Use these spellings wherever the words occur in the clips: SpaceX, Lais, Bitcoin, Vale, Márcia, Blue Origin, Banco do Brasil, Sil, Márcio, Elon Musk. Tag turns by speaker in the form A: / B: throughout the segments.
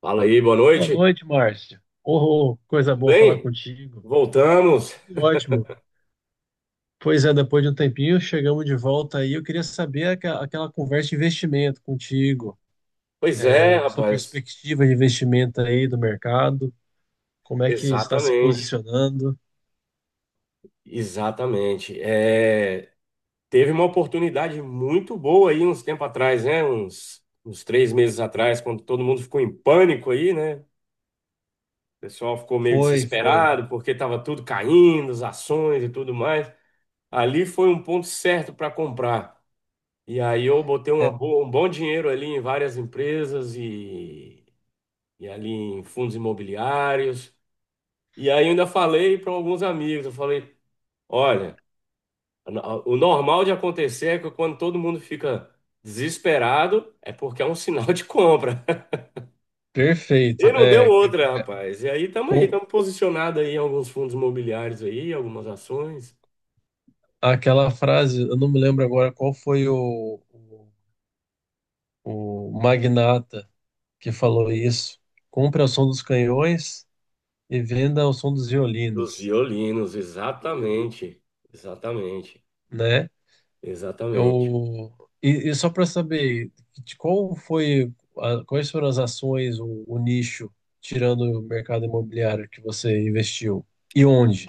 A: Fala aí, boa
B: Boa
A: noite.
B: noite, Márcia. Oh, coisa
A: Tudo
B: boa falar
A: bem?
B: contigo.
A: Voltamos.
B: Tudo ótimo. Pois é, depois de um tempinho, chegamos de volta aí. Eu queria saber aquela conversa de investimento contigo,
A: Pois é,
B: sua
A: rapaz.
B: perspectiva de investimento aí do mercado, como é que está se
A: Exatamente.
B: posicionando.
A: Exatamente. É, teve uma oportunidade muito boa aí uns tempo atrás, né? Uns 3 meses atrás, quando todo mundo ficou em pânico aí, né? O pessoal ficou meio
B: Foi, foi.
A: desesperado porque estava tudo caindo, as ações e tudo mais. Ali foi um ponto certo para comprar. E aí eu botei
B: É
A: um bom dinheiro ali em várias empresas e ali em fundos imobiliários. E aí eu ainda falei para alguns amigos, eu falei, olha, o normal de acontecer é que quando todo mundo fica desesperado, é porque é um sinal de compra. E
B: perfeito.
A: não deu
B: É,
A: outra,
B: é,
A: rapaz. E aí,
B: com
A: estamos posicionados aí em alguns fundos imobiliários aí, algumas ações.
B: aquela frase, eu não me lembro agora qual foi o magnata que falou isso. Compre ao som dos canhões e venda ao som dos
A: Dos
B: violinos,
A: violinos, exatamente. Exatamente.
B: né?
A: Exatamente.
B: Eu, e só para saber de qual foi a- quais foram as ações, o nicho, tirando o mercado imobiliário que você investiu e onde?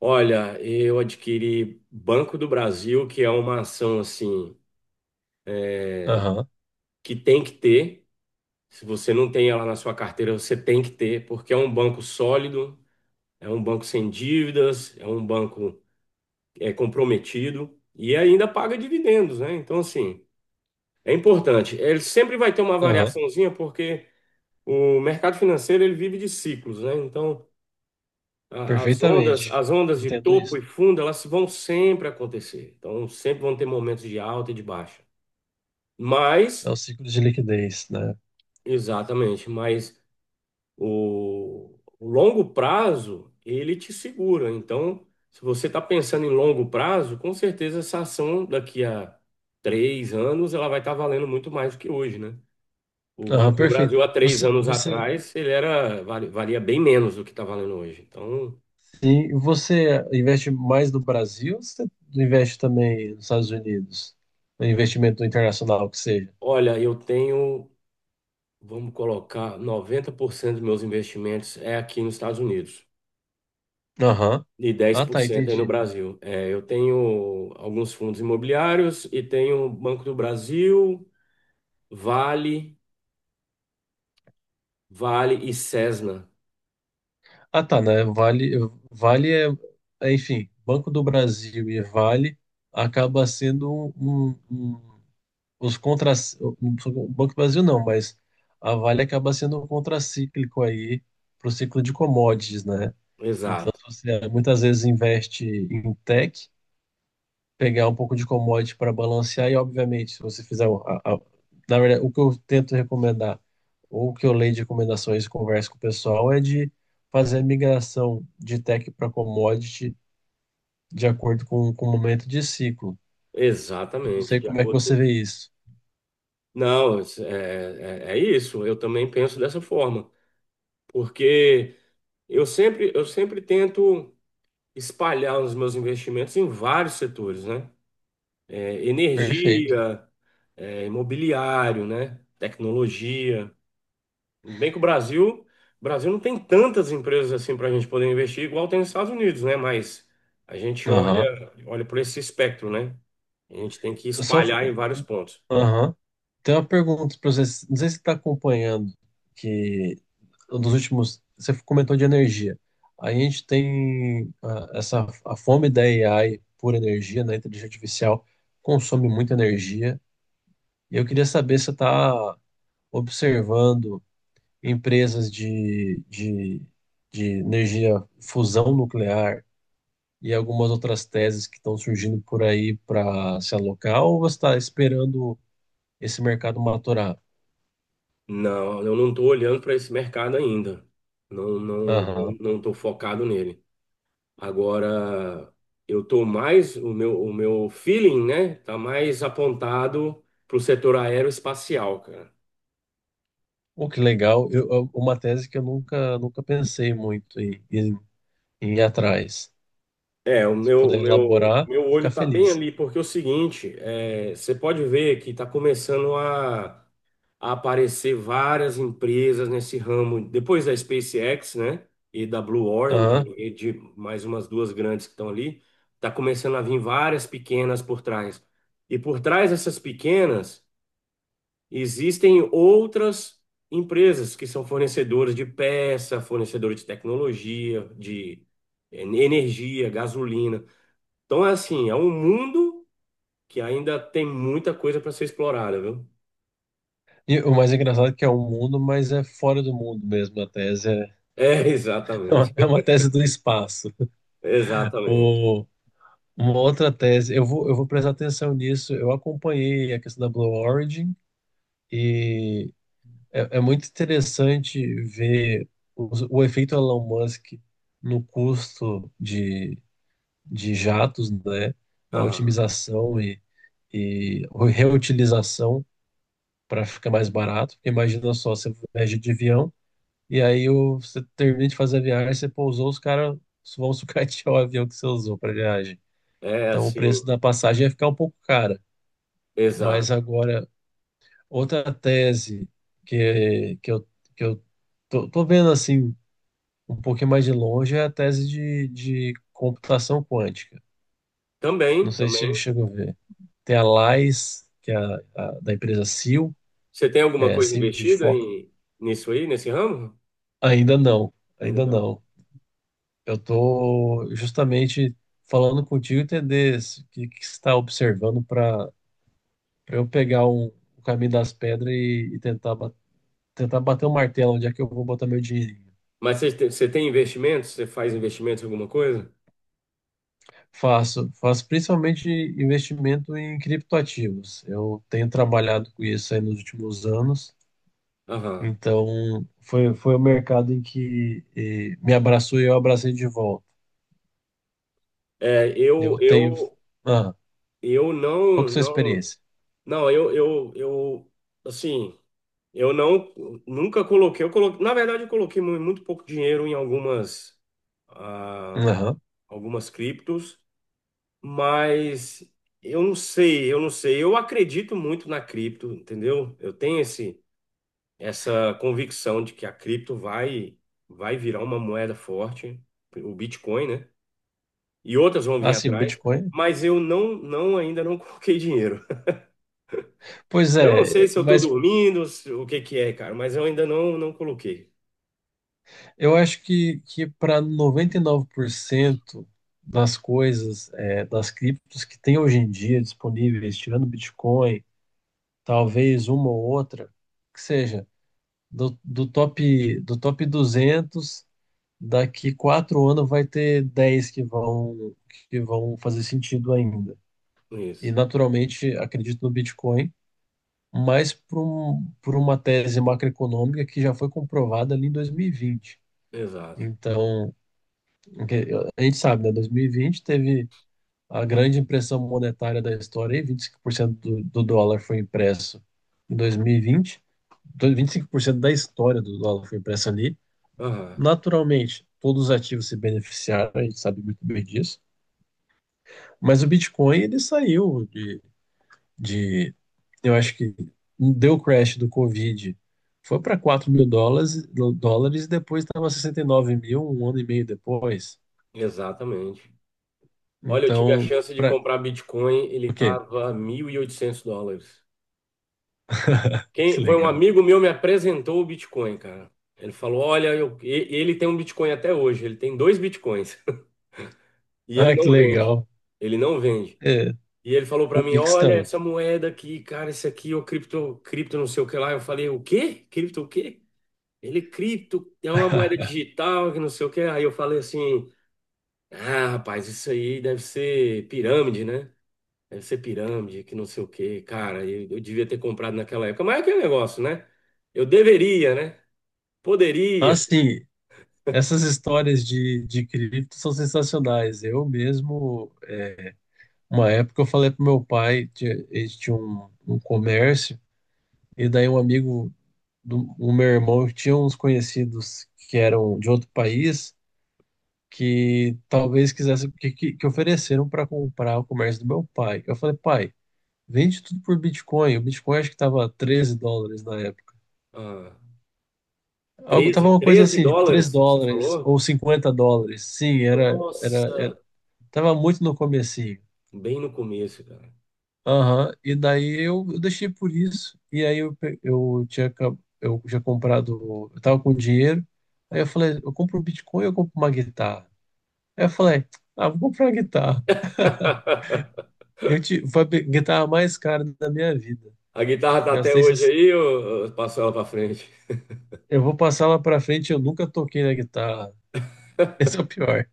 A: Olha, eu adquiri Banco do Brasil, que é uma ação assim
B: Aham,
A: que tem que ter. Se você não tem ela na sua carteira, você tem que ter, porque é um banco sólido, é um banco sem dívidas, é um banco é, comprometido e ainda paga dividendos, né? Então, assim, é importante. Ele sempre vai ter uma
B: aham,
A: variaçãozinha, porque o mercado financeiro ele vive de ciclos, né? Então,
B: perfeitamente.
A: as ondas de
B: Entendo
A: topo
B: isso.
A: e fundo, elas vão sempre acontecer. Então, sempre vão ter momentos de alta e de baixa.
B: É
A: Mas,
B: o ciclo de liquidez, né?
A: exatamente, mas O, o longo prazo, ele te segura. Então, se você está pensando em longo prazo, com certeza essa ação daqui a 3 anos, ela vai estar valendo muito mais do que hoje, né? O
B: Aham,
A: Banco do
B: perfeito.
A: Brasil, há três
B: Você,
A: anos
B: você,
A: atrás, ele era, valia bem menos do que está valendo hoje. Então,
B: sim, você investe mais no Brasil ou você investe também nos Estados Unidos? No investimento internacional que seja?
A: olha, eu tenho, vamos colocar, 90% dos meus investimentos é aqui nos Estados Unidos.
B: Aham.
A: De dez
B: Ah,
A: por
B: tá,
A: cento aí no
B: entendi.
A: Brasil. É, eu tenho alguns fundos imobiliários e tenho Banco do Brasil, Vale, Vale e Cesna.
B: Ah, tá, né? Vale, enfim, Banco do Brasil e Vale acaba sendo um, os contra, o Banco do Brasil não, mas a Vale acaba sendo um contracíclico aí para o ciclo de commodities, né? Então,
A: Exato.
B: se você muitas vezes investe em tech, pegar um pouco de commodity para balancear e, obviamente, se você fizer... na verdade, o que eu tento recomendar, ou o que eu leio de recomendações e converso com o pessoal, é de fazer a migração de tech para commodity de acordo com o momento de ciclo. Não
A: Exatamente,
B: sei
A: de
B: como é que
A: acordo
B: você
A: com...
B: vê isso.
A: Não, é isso, eu também penso dessa forma, porque eu sempre tento espalhar os meus investimentos em vários setores, né? É,
B: Perfeito.
A: energia, é, imobiliário, né? Tecnologia. Bem que o Brasil não tem tantas empresas assim para a gente poder investir, igual tem nos Estados Unidos, né? Mas a gente
B: Aham.
A: olha por esse espectro, né? A gente tem que
B: Só,
A: espalhar em vários pontos.
B: Aham. Tem uma pergunta para você. Não sei se você está acompanhando que nos últimos. Você comentou de energia. A gente tem essa a fome da AI por energia, né? Inteligência artificial consome muita energia. E eu queria saber se você está observando empresas de energia fusão nuclear e algumas outras teses que estão surgindo por aí para se alocar, ou você está esperando esse mercado maturar?
A: Não, eu não estou olhando para esse mercado ainda. Não,
B: Aham.
A: não estou focado nele. Agora, eu estou mais, o meu feeling, né? Tá mais apontado para o setor aeroespacial, cara.
B: Oh, que legal. Uma tese que eu nunca pensei muito em ir atrás.
A: É,
B: Se puder
A: o
B: elaborar, eu
A: meu
B: vou
A: olho
B: ficar
A: tá bem
B: feliz.
A: ali, porque é o seguinte, é, você pode ver que tá começando a aparecer várias empresas nesse ramo, depois da SpaceX, né, e da Blue Origin,
B: Aham.
A: e de mais umas duas grandes que estão ali, tá começando a vir várias pequenas por trás. E por trás dessas pequenas, existem outras empresas que são fornecedoras de peça, fornecedores de tecnologia, de energia, gasolina. Então, é assim, é um mundo que ainda tem muita coisa para ser explorada, viu?
B: E o mais engraçado é que é um mundo, mas é fora do mundo mesmo. A tese é,
A: É,
B: é
A: exatamente.
B: uma tese do espaço.
A: Exatamente.
B: O, uma outra tese, eu vou prestar atenção nisso. Eu acompanhei a questão da Blue Origin e é muito interessante ver o, o efeito Elon Musk no custo de jatos, né, na
A: Ah,
B: otimização e reutilização para ficar mais barato. Porque imagina só, você viaja de avião e aí você termina de fazer a viagem, você pousou, os caras vão sucatear o avião que você usou para viagem.
A: é
B: Então o
A: assim,
B: preço da passagem ia ficar um pouco cara. Mas
A: exato.
B: agora, outra tese que, que eu, que eu tô vendo assim um pouquinho mais de longe é a tese de computação quântica. Não
A: Também,
B: sei se você
A: também.
B: chegou a ver. Tem a Lais, que é da empresa Sil,
A: Você tem alguma coisa
B: Sil de
A: investida
B: Foco.
A: em, nisso aí, nesse ramo?
B: Ainda não,
A: Ainda
B: ainda
A: não.
B: não. Eu estou justamente falando contigo entender o que você está observando para eu pegar o caminho das pedras e tentar bater o martelo onde é que eu vou botar meu dinheirinho.
A: Mas você tem investimentos? Você faz investimentos em alguma coisa?
B: Faço, faço principalmente investimento em criptoativos. Eu tenho trabalhado com isso aí nos últimos anos.
A: Aham.
B: Então, foi o mercado em que me abraçou e eu abracei de volta.
A: É,
B: Eu tenho. Ah,
A: eu
B: qual
A: não,
B: que é a sua
A: não,
B: experiência?
A: não, eu, assim, eu não, nunca coloquei, eu coloquei, na verdade eu coloquei muito pouco dinheiro em algumas ah,
B: Aham.
A: algumas criptos, mas eu não sei. Eu acredito muito na cripto, entendeu? Eu tenho essa convicção de que a cripto vai virar uma moeda forte, o Bitcoin, né? E outras vão vir
B: Ah, sim, o
A: atrás,
B: Bitcoin.
A: mas eu não, não ainda não coloquei dinheiro.
B: Pois
A: Eu não sei
B: é,
A: se eu tô
B: mas
A: dormindo, se- o que que é, cara, mas eu ainda não coloquei
B: eu acho que para 99% das coisas, das criptos que tem hoje em dia disponíveis, tirando Bitcoin, talvez uma ou outra, que seja do top 200 daqui 4 anos vai ter 10 que vão fazer sentido ainda. E
A: nisso.
B: naturalmente acredito no Bitcoin, mas por uma tese macroeconômica que já foi comprovada ali em 2020.
A: Exato.
B: Então, que- a gente sabe, né? 2020 teve a grande impressão monetária da história, e 25% do dólar foi impresso em 2020. 25% da história do dólar foi impressa ali.
A: Aham,
B: Naturalmente, todos os ativos se beneficiaram, a gente sabe muito bem disso. Mas o Bitcoin, ele saiu de eu acho que deu o crash do Covid, foi para 4 mil dólares, e depois estava 69.000 um ano e meio depois.
A: exatamente. Olha, eu tive a
B: Então,
A: chance de
B: para
A: comprar Bitcoin,
B: o
A: ele
B: quê?
A: tava US$ 1.800.
B: Que
A: Quem, foi um
B: legal.
A: amigo meu me apresentou o Bitcoin, cara. Ele falou: "Olha, ele tem um Bitcoin até hoje, ele tem 2 Bitcoins e ele
B: Ah, que
A: não vende.
B: legal.
A: Ele não vende.
B: É,
A: E ele falou pra mim: "Olha
B: convicção.
A: essa moeda aqui, cara, esse aqui é o cripto, cripto não sei o que lá". Eu falei: "O quê? Cripto o quê?" Ele cripto é uma moeda digital, que não sei o que. Aí eu falei assim: "Ah, rapaz, isso aí deve ser pirâmide, né?" Deve ser pirâmide, que não sei o quê. Cara, eu devia ter comprado naquela época. Mas é aquele negócio, né? Eu deveria, né? Poderia.
B: Assim, essas histórias de cripto são sensacionais. Eu mesmo, uma época eu falei pro meu pai, ele tinha um comércio, e daí um amigo o meu irmão tinha uns conhecidos que eram de outro país que talvez quisessem, que ofereceram para comprar o comércio do meu pai. Eu falei, pai, vende tudo por Bitcoin. O Bitcoin acho que estava US$ 13 na época.
A: Ah,
B: Algo, tava
A: 13
B: uma coisa
A: 13
B: assim, tipo 13
A: dólares, você
B: dólares
A: falou?
B: ou US$ 50. Sim, era, era,
A: Nossa,
B: era, tava muito no começo.
A: bem no começo, cara.
B: Aham, e daí eu deixei por isso. E aí eu, pe- eu tinha acab- eu já comprado, eu tava com dinheiro. Aí eu falei, eu compro um Bitcoin ou eu compro uma guitarra? Aí eu falei, vou comprar uma guitarra. Foi a guitarra mais cara da minha vida.
A: A guitarra tá até
B: Gastei
A: hoje
B: esses,
A: aí, ou eu passo ela pra frente?
B: eu vou passar lá pra frente, eu nunca toquei na guitarra. Esse é o pior.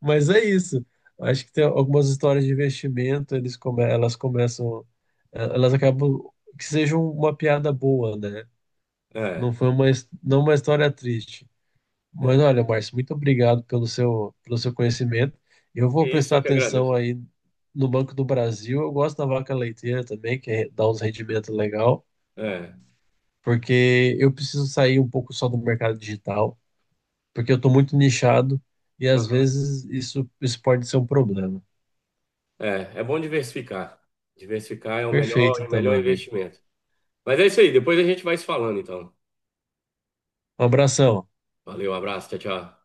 B: Mas é isso. Acho que tem algumas histórias de investimento, elas começam, elas acabam que sejam uma piada boa, né? Não
A: É,
B: foi uma, não uma história triste.
A: é
B: Mas olha,
A: verdade.
B: Márcio, muito obrigado pelo seu conhecimento. Eu vou
A: É isso
B: prestar
A: eu que
B: atenção
A: agradeço.
B: aí no Banco do Brasil. Eu gosto da vaca leiteira também, que é- dá uns rendimentos legal,
A: É,
B: porque eu preciso sair um pouco só do mercado digital, porque eu estou muito nichado e às
A: aham.
B: vezes isso pode ser um problema.
A: É, é bom diversificar. Diversificar é
B: Perfeito,
A: o
B: então, meu
A: melhor
B: amigo.
A: investimento. Mas é isso aí, depois a gente vai se falando, então.
B: Um abração.
A: Valeu, abraço, tchau, tchau.